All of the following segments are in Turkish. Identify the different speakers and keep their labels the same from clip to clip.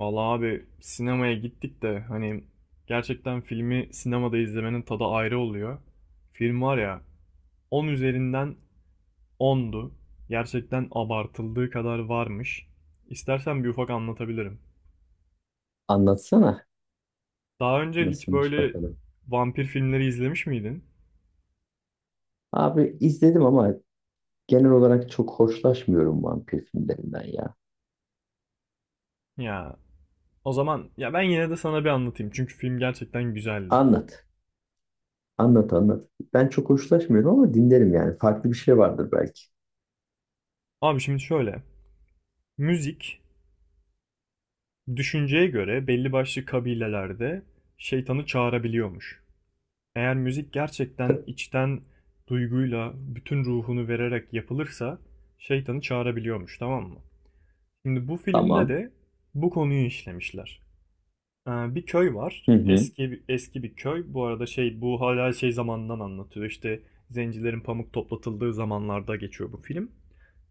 Speaker 1: Vallahi abi sinemaya gittik de hani gerçekten filmi sinemada izlemenin tadı ayrı oluyor. Film var ya 10 üzerinden 10'du. Gerçekten abartıldığı kadar varmış. İstersen bir ufak anlatabilirim.
Speaker 2: Anlatsana.
Speaker 1: Daha önce hiç
Speaker 2: Nasılmış
Speaker 1: böyle
Speaker 2: bakalım.
Speaker 1: vampir filmleri izlemiş miydin?
Speaker 2: Abi izledim ama genel olarak çok hoşlaşmıyorum vampir filmlerinden ya.
Speaker 1: Ya o zaman ya ben yine de sana bir anlatayım çünkü film gerçekten güzeldi.
Speaker 2: Anlat. Anlat anlat. Ben çok hoşlaşmıyorum ama dinlerim yani. Farklı bir şey vardır belki.
Speaker 1: Abi şimdi şöyle. Müzik düşünceye göre belli başlı kabilelerde şeytanı çağırabiliyormuş. Eğer müzik gerçekten
Speaker 2: T-
Speaker 1: içten duyguyla bütün ruhunu vererek yapılırsa şeytanı çağırabiliyormuş, tamam mı? Şimdi bu filmde
Speaker 2: Tamam.
Speaker 1: de bu konuyu işlemişler. Bir köy var.
Speaker 2: Hı hı.
Speaker 1: Eski eski bir köy. Bu arada şey bu hala şey zamanından anlatıyor. İşte zencilerin pamuk toplatıldığı zamanlarda geçiyor bu film.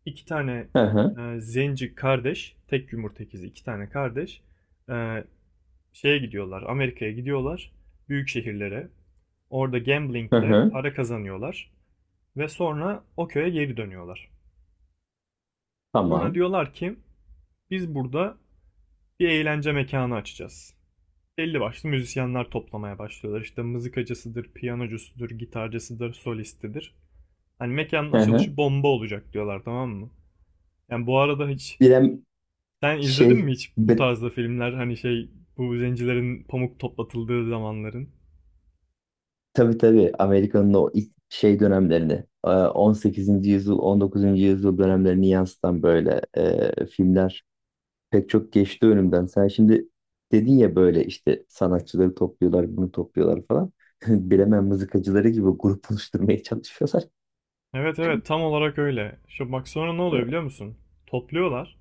Speaker 1: İki tane
Speaker 2: Hı hı.
Speaker 1: zenci kardeş, tek yumurta ikizi iki tane kardeş e, şeye gidiyorlar, Amerika'ya gidiyorlar, büyük şehirlere. Orada
Speaker 2: Hı
Speaker 1: gamblingle
Speaker 2: hı.
Speaker 1: para kazanıyorlar ve sonra o köye geri dönüyorlar. Sonra
Speaker 2: Tamam.
Speaker 1: diyorlar ki biz burada bir eğlence mekanı açacağız. Belli başlı müzisyenler toplamaya başlıyorlar. İşte mızıkacısıdır, piyanocusudur, gitarcısıdır, solistidir. Hani mekanın
Speaker 2: Hı
Speaker 1: açılışı
Speaker 2: hı.
Speaker 1: bomba olacak diyorlar, tamam mı? Yani bu arada hiç
Speaker 2: Bilem
Speaker 1: sen izledin
Speaker 2: şey
Speaker 1: mi hiç bu
Speaker 2: be,
Speaker 1: tarzda filmler, hani şey, bu zencilerin pamuk toplatıldığı zamanların?
Speaker 2: tabii tabii Amerika'nın o ilk şey dönemlerini 18. yüzyıl 19. yüzyıl dönemlerini yansıtan böyle filmler pek çok geçti önümden. Sen şimdi dedin ya böyle işte sanatçıları topluyorlar, bunu topluyorlar falan. Bilemem mızıkacıları gibi grup oluşturmaya çalışıyorlar.
Speaker 1: Evet evet, tam olarak öyle. Şu bak sonra ne oluyor biliyor musun? Topluyorlar.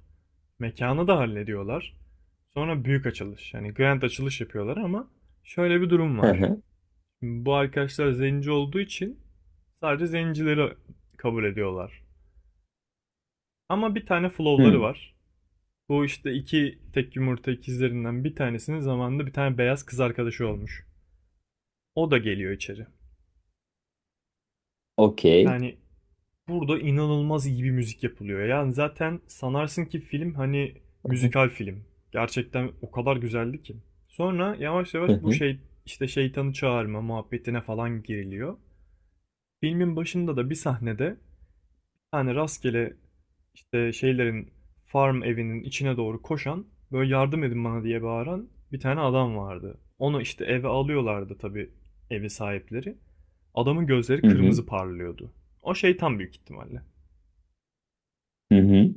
Speaker 1: Mekanı da hallediyorlar. Sonra büyük açılış. Yani grand açılış yapıyorlar ama şöyle bir durum
Speaker 2: Hı
Speaker 1: var.
Speaker 2: hı.
Speaker 1: Şimdi bu arkadaşlar zenci olduğu için sadece zencileri kabul ediyorlar. Ama bir tane flowları
Speaker 2: Hmm.
Speaker 1: var. Bu işte iki tek yumurta ikizlerinden bir tanesinin zamanında bir tane beyaz kız arkadaşı olmuş. O da geliyor içeri.
Speaker 2: Okey.
Speaker 1: Yani burada inanılmaz iyi bir müzik yapılıyor. Yani zaten sanarsın ki film hani
Speaker 2: Hı hı.
Speaker 1: müzikal film. Gerçekten o kadar güzeldi ki. Sonra yavaş yavaş
Speaker 2: Hı
Speaker 1: bu
Speaker 2: hı.
Speaker 1: şey işte şeytanı çağırma muhabbetine falan giriliyor. Filmin başında da bir sahnede hani rastgele işte şeylerin farm evinin içine doğru koşan böyle yardım edin bana diye bağıran bir tane adam vardı. Onu işte eve alıyorlardı tabii evi sahipleri. Adamın gözleri kırmızı parlıyordu. O şeytan büyük ihtimalle.
Speaker 2: Hı hı.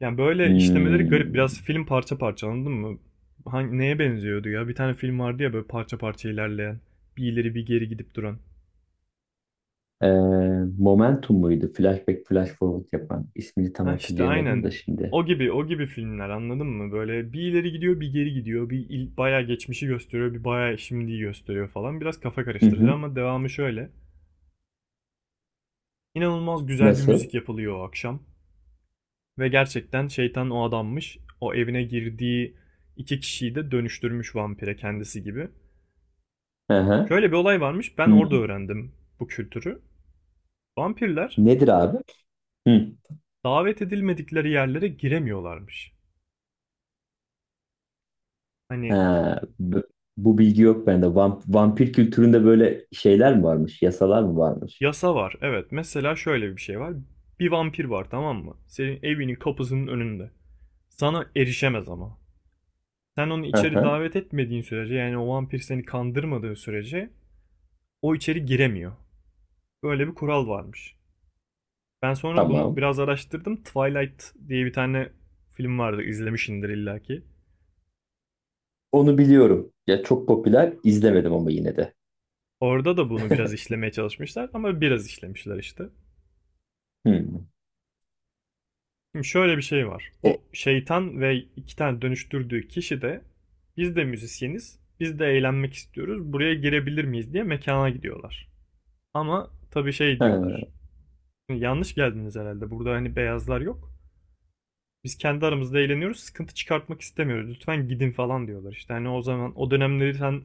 Speaker 1: Yani böyle işlemeleri garip.
Speaker 2: Hmm.
Speaker 1: Biraz film parça parça, anladın mı? Hangi, neye benziyordu ya? Bir tane film vardı ya böyle parça parça ilerleyen. Bir ileri bir geri gidip duran.
Speaker 2: Ee, Momentum muydu? Flashback, Flash Forward yapan. İsmini tam
Speaker 1: Ha işte
Speaker 2: hatırlayamadım
Speaker 1: aynen.
Speaker 2: da şimdi.
Speaker 1: O gibi o gibi filmler, anladın mı? Böyle bir ileri gidiyor bir geri gidiyor. Bayağı geçmişi gösteriyor bir bayağı şimdiyi gösteriyor falan. Biraz kafa
Speaker 2: Hı
Speaker 1: karıştırıcı
Speaker 2: hı.
Speaker 1: ama devamı şöyle. İnanılmaz güzel bir
Speaker 2: Nasıl?
Speaker 1: müzik yapılıyor o akşam. Ve gerçekten şeytan o adammış. O evine girdiği iki kişiyi de dönüştürmüş vampire kendisi gibi.
Speaker 2: Hı hı.
Speaker 1: Şöyle bir olay varmış. Ben
Speaker 2: Hmm.
Speaker 1: orada öğrendim bu kültürü. Vampirler
Speaker 2: Nedir abi? Hı.
Speaker 1: davet edilmedikleri yerlere giremiyorlarmış.
Speaker 2: He,
Speaker 1: Hani
Speaker 2: b- bu bilgi yok bende. Vampir kültüründe böyle şeyler mi varmış? Yasalar mı varmış?
Speaker 1: yasa var. Evet. Mesela şöyle bir şey var. Bir vampir var, tamam mı? Senin evinin kapısının önünde. Sana erişemez ama. Sen onu
Speaker 2: Hı
Speaker 1: içeri
Speaker 2: hı,
Speaker 1: davet etmediğin sürece, yani o vampir seni kandırmadığı sürece o içeri giremiyor. Böyle bir kural varmış. Ben sonra bunu
Speaker 2: tamam.
Speaker 1: biraz araştırdım. Twilight diye bir tane film vardı, izlemişsindir illaki.
Speaker 2: Onu biliyorum. Ya çok popüler. İzlemedim ama yine de.
Speaker 1: Orada da bunu biraz işlemeye çalışmışlar ama biraz işlemişler işte.
Speaker 2: Hmm.
Speaker 1: Şimdi şöyle bir şey var.
Speaker 2: E,
Speaker 1: O şeytan ve iki tane dönüştürdüğü kişi de biz de müzisyeniz, biz de eğlenmek istiyoruz. Buraya girebilir miyiz diye mekana gidiyorlar. Ama tabii şey diyorlar.
Speaker 2: he.
Speaker 1: Yanlış geldiniz herhalde. Burada hani beyazlar yok. Biz kendi aramızda eğleniyoruz. Sıkıntı çıkartmak istemiyoruz. Lütfen gidin falan diyorlar. İşte hani o zaman o dönemleri sen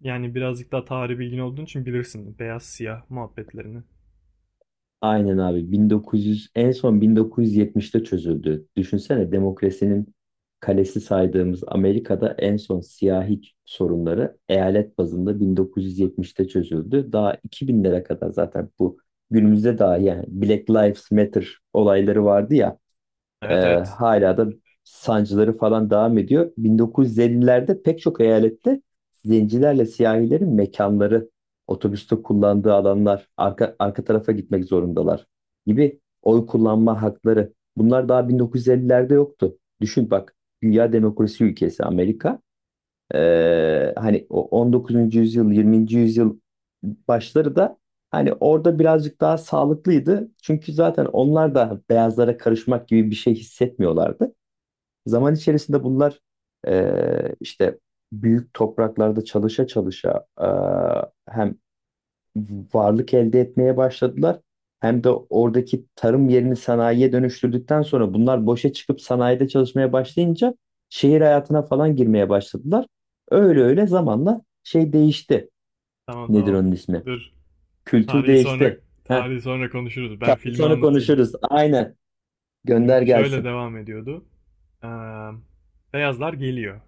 Speaker 1: yani birazcık daha tarih bilgin olduğun için bilirsin. Beyaz siyah muhabbetlerini.
Speaker 2: Aynen abi 1900 en son 1970'te çözüldü. Düşünsene demokrasinin kalesi saydığımız Amerika'da en son siyahi sorunları eyalet bazında 1970'te çözüldü. Daha 2000'lere kadar zaten bu günümüzde dahi yani Black Lives Matter olayları vardı ya, ee,
Speaker 1: Evet evet.
Speaker 2: hala da sancıları falan devam ediyor. 1950'lerde pek çok eyalette zencilerle siyahilerin mekanları, otobüste kullandığı alanlar, arka tarafa gitmek zorundalar gibi oy kullanma hakları. Bunlar daha 1950'lerde yoktu. Düşün bak, dünya demokrasi ülkesi Amerika. Hani o 19. yüzyıl, 20. yüzyıl başları da hani orada birazcık daha sağlıklıydı. Çünkü zaten onlar da beyazlara karışmak gibi bir şey hissetmiyorlardı. Zaman içerisinde bunlar işte büyük topraklarda çalışa çalışa hem varlık elde etmeye başladılar. Hem de oradaki tarım yerini sanayiye dönüştürdükten sonra bunlar boşa çıkıp sanayide çalışmaya başlayınca şehir hayatına falan girmeye başladılar. Öyle öyle zamanla şey değişti.
Speaker 1: Tamam
Speaker 2: Nedir
Speaker 1: tamam.
Speaker 2: onun ismi?
Speaker 1: Dur.
Speaker 2: Kültür
Speaker 1: Tarihi sonra
Speaker 2: değişti. Heh,
Speaker 1: tarihi sonra konuşuruz. Ben
Speaker 2: tabii
Speaker 1: filmi
Speaker 2: sonra
Speaker 1: anlatayım.
Speaker 2: konuşuruz. Aynen. Gönder
Speaker 1: Şimdi şöyle
Speaker 2: gelsin.
Speaker 1: devam ediyordu. Ee, beyazlar geliyor.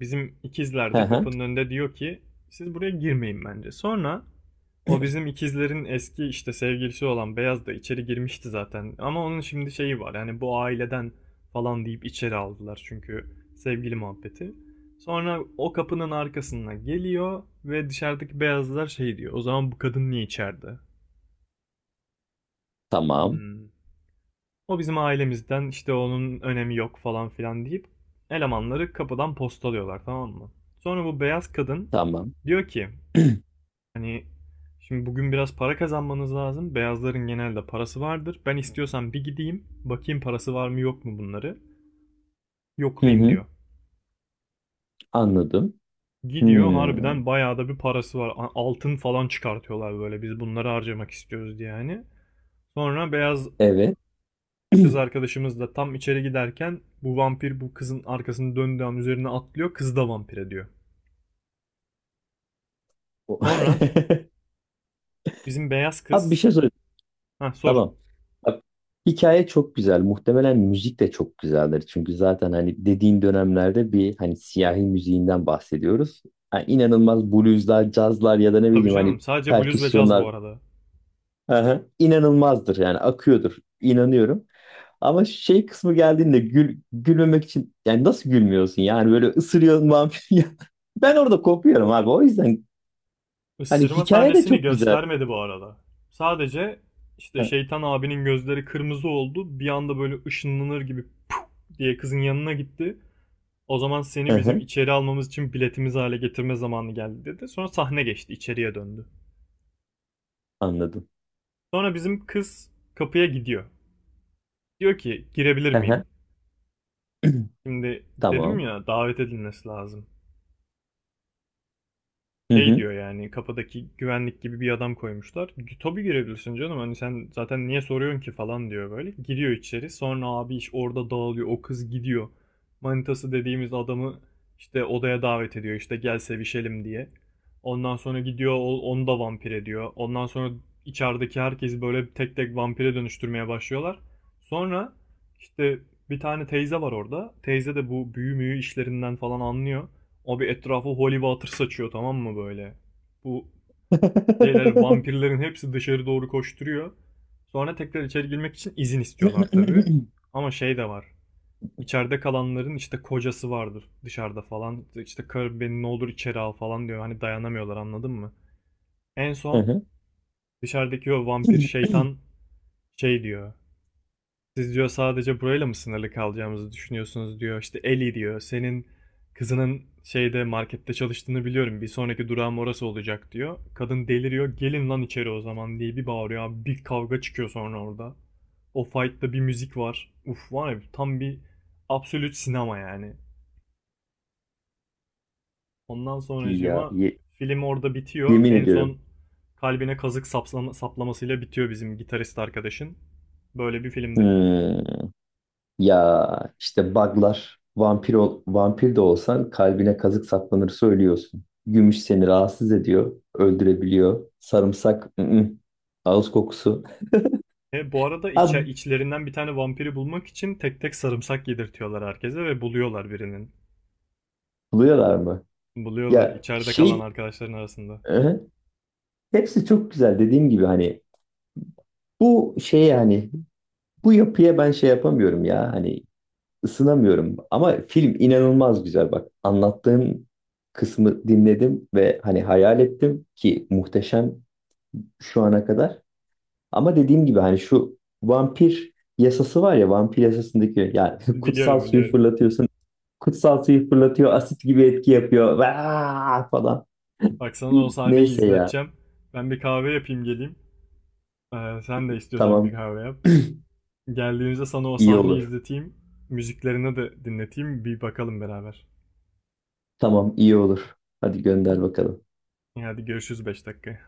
Speaker 1: Bizim ikizler
Speaker 2: Hı
Speaker 1: de
Speaker 2: hı.
Speaker 1: kapının önünde diyor ki siz buraya girmeyin bence. Sonra o bizim ikizlerin eski işte sevgilisi olan beyaz da içeri girmişti zaten. Ama onun şimdi şeyi var, yani bu aileden falan deyip içeri aldılar çünkü sevgili muhabbeti. Sonra o kapının arkasına geliyor ve dışarıdaki beyazlar şey diyor. O zaman bu kadın niye içeride?
Speaker 2: Tamam.
Speaker 1: Hmm. O bizim ailemizden, işte onun önemi yok falan filan deyip elemanları kapıdan postalıyorlar, tamam mı? Sonra bu beyaz kadın
Speaker 2: Tamam.
Speaker 1: diyor ki hani şimdi bugün biraz para kazanmanız lazım. Beyazların genelde parası vardır. Ben istiyorsan bir gideyim bakayım parası var mı yok mu bunları.
Speaker 2: Hı
Speaker 1: Yoklayayım
Speaker 2: hı.
Speaker 1: diyor.
Speaker 2: Anladım.
Speaker 1: Gidiyor,
Speaker 2: Hmm.
Speaker 1: harbiden bayağı da bir parası var. Altın falan çıkartıyorlar böyle biz bunları harcamak istiyoruz diye hani. Sonra beyaz
Speaker 2: Evet.
Speaker 1: kız arkadaşımız da tam içeri giderken bu vampir bu kızın arkasını döndüğü an üzerine atlıyor. Kız da vampire diyor.
Speaker 2: O-
Speaker 1: Sonra bizim beyaz
Speaker 2: Abi bir
Speaker 1: kız...
Speaker 2: şey soracağım.
Speaker 1: Heh sor.
Speaker 2: Tamam. Bak, hikaye çok güzel. Muhtemelen müzik de çok güzeldir. Çünkü zaten hani dediğin dönemlerde bir hani siyahi müziğinden bahsediyoruz. Yani inanılmaz blueslar, cazlar ya da ne
Speaker 1: Tabii
Speaker 2: bileyim
Speaker 1: canım
Speaker 2: hani
Speaker 1: sadece bluz ve caz
Speaker 2: perküsyonlar.
Speaker 1: bu arada.
Speaker 2: Aha, inanılmazdır yani akıyordur. İnanıyorum. Ama şey kısmı geldiğinde gülmemek için yani nasıl gülmüyorsun yani böyle ısırıyorsun vampir. Ya, ben orada kopuyorum abi. O yüzden hani
Speaker 1: Isırma
Speaker 2: hikaye de
Speaker 1: sahnesini
Speaker 2: çok güzel.
Speaker 1: göstermedi bu arada. Sadece işte
Speaker 2: Hı
Speaker 1: şeytan abinin gözleri kırmızı oldu. Bir anda böyle ışınlanır gibi diye kızın yanına gitti. O zaman
Speaker 2: hı.
Speaker 1: seni bizim
Speaker 2: Hı,
Speaker 1: içeri almamız için biletimiz hale getirme zamanı geldi dedi. Sonra sahne geçti, içeriye döndü.
Speaker 2: anladım.
Speaker 1: Sonra bizim kız kapıya gidiyor. Diyor ki girebilir
Speaker 2: Hı
Speaker 1: miyim?
Speaker 2: hı.
Speaker 1: Şimdi dedim
Speaker 2: Tamam.
Speaker 1: ya davet edilmesi lazım. Şey diyor, yani kapıdaki güvenlik gibi bir adam koymuşlar. Tabii girebilirsin canım, hani sen zaten niye soruyorsun ki falan diyor böyle. Giriyor içeri, sonra abi iş orada dağılıyor, o kız gidiyor. Manitası dediğimiz adamı işte odaya davet ediyor, işte gel sevişelim diye. Ondan sonra gidiyor onu da vampir ediyor. Ondan sonra içerideki herkesi böyle tek tek vampire dönüştürmeye başlıyorlar. Sonra işte bir tane teyze var orada. Teyze de bu büyü müyü işlerinden falan anlıyor. Abi etrafı holy water saçıyor, tamam mı böyle? Bu şeyler vampirlerin hepsi dışarı doğru koşturuyor. Sonra tekrar içeri girmek için izin istiyorlar tabii. Ama şey de var. İçeride kalanların işte kocası vardır dışarıda falan. İşte karı beni ne olur içeri al falan diyor. Hani dayanamıyorlar, anladın mı? En
Speaker 2: Hı
Speaker 1: son
Speaker 2: hı.
Speaker 1: dışarıdaki o vampir şeytan şey diyor. Siz diyor sadece burayla mı sınırlı kalacağımızı düşünüyorsunuz diyor. İşte Ellie diyor. Senin kızının şeyde markette çalıştığını biliyorum. Bir sonraki durağım orası olacak diyor. Kadın deliriyor. Gelin lan içeri o zaman diye bir bağırıyor. Abi bir kavga çıkıyor sonra orada. O fight'ta bir müzik var. Uf var ya tam bir absolut sinema yani. Ondan
Speaker 2: Ya
Speaker 1: sonracığıma
Speaker 2: ye-
Speaker 1: film orada bitiyor.
Speaker 2: Yemin
Speaker 1: En
Speaker 2: ediyorum.
Speaker 1: son kalbine kazık saplamasıyla bitiyor bizim gitarist arkadaşın. Böyle bir filmdi.
Speaker 2: Hmm, ya işte buglar vampir ol, vampir de olsan kalbine kazık saplanır söylüyorsun. Gümüş seni rahatsız ediyor, öldürebiliyor. Sarımsak, ı -ı. Ağız kokusu.
Speaker 1: E, bu arada
Speaker 2: Ha,
Speaker 1: içlerinden bir tane vampiri bulmak için tek tek sarımsak yedirtiyorlar herkese ve buluyorlar birinin.
Speaker 2: buluyorlar mı?
Speaker 1: Buluyorlar
Speaker 2: Ya
Speaker 1: içeride kalan
Speaker 2: şey,
Speaker 1: arkadaşların arasında.
Speaker 2: hı hı. Hepsi çok güzel, dediğim gibi hani bu şey yani bu yapıya ben şey yapamıyorum ya hani. Isınamıyorum ama film inanılmaz güzel bak. Anlattığın kısmı dinledim ve hani hayal ettim ki muhteşem şu ana kadar. Ama dediğim gibi hani şu vampir yasası var ya vampir yasasındaki yani kutsal
Speaker 1: Biliyorum
Speaker 2: suyu
Speaker 1: biliyorum.
Speaker 2: fırlatıyorsun. Kutsal suyu fırlatıyor, asit gibi etki yapıyor, vaa! Falan.
Speaker 1: Bak sana o sahneyi
Speaker 2: Neyse ya,
Speaker 1: izleteceğim. Ben bir kahve yapayım geleyim. Sen de istiyorsan bir
Speaker 2: tamam
Speaker 1: kahve yap. Geldiğimizde sana o
Speaker 2: iyi
Speaker 1: sahneyi
Speaker 2: olur.
Speaker 1: izleteyim. Müziklerini de dinleteyim. Bir bakalım beraber.
Speaker 2: Tamam iyi olur. Hadi gönder bakalım.
Speaker 1: Hadi görüşürüz 5 dakika.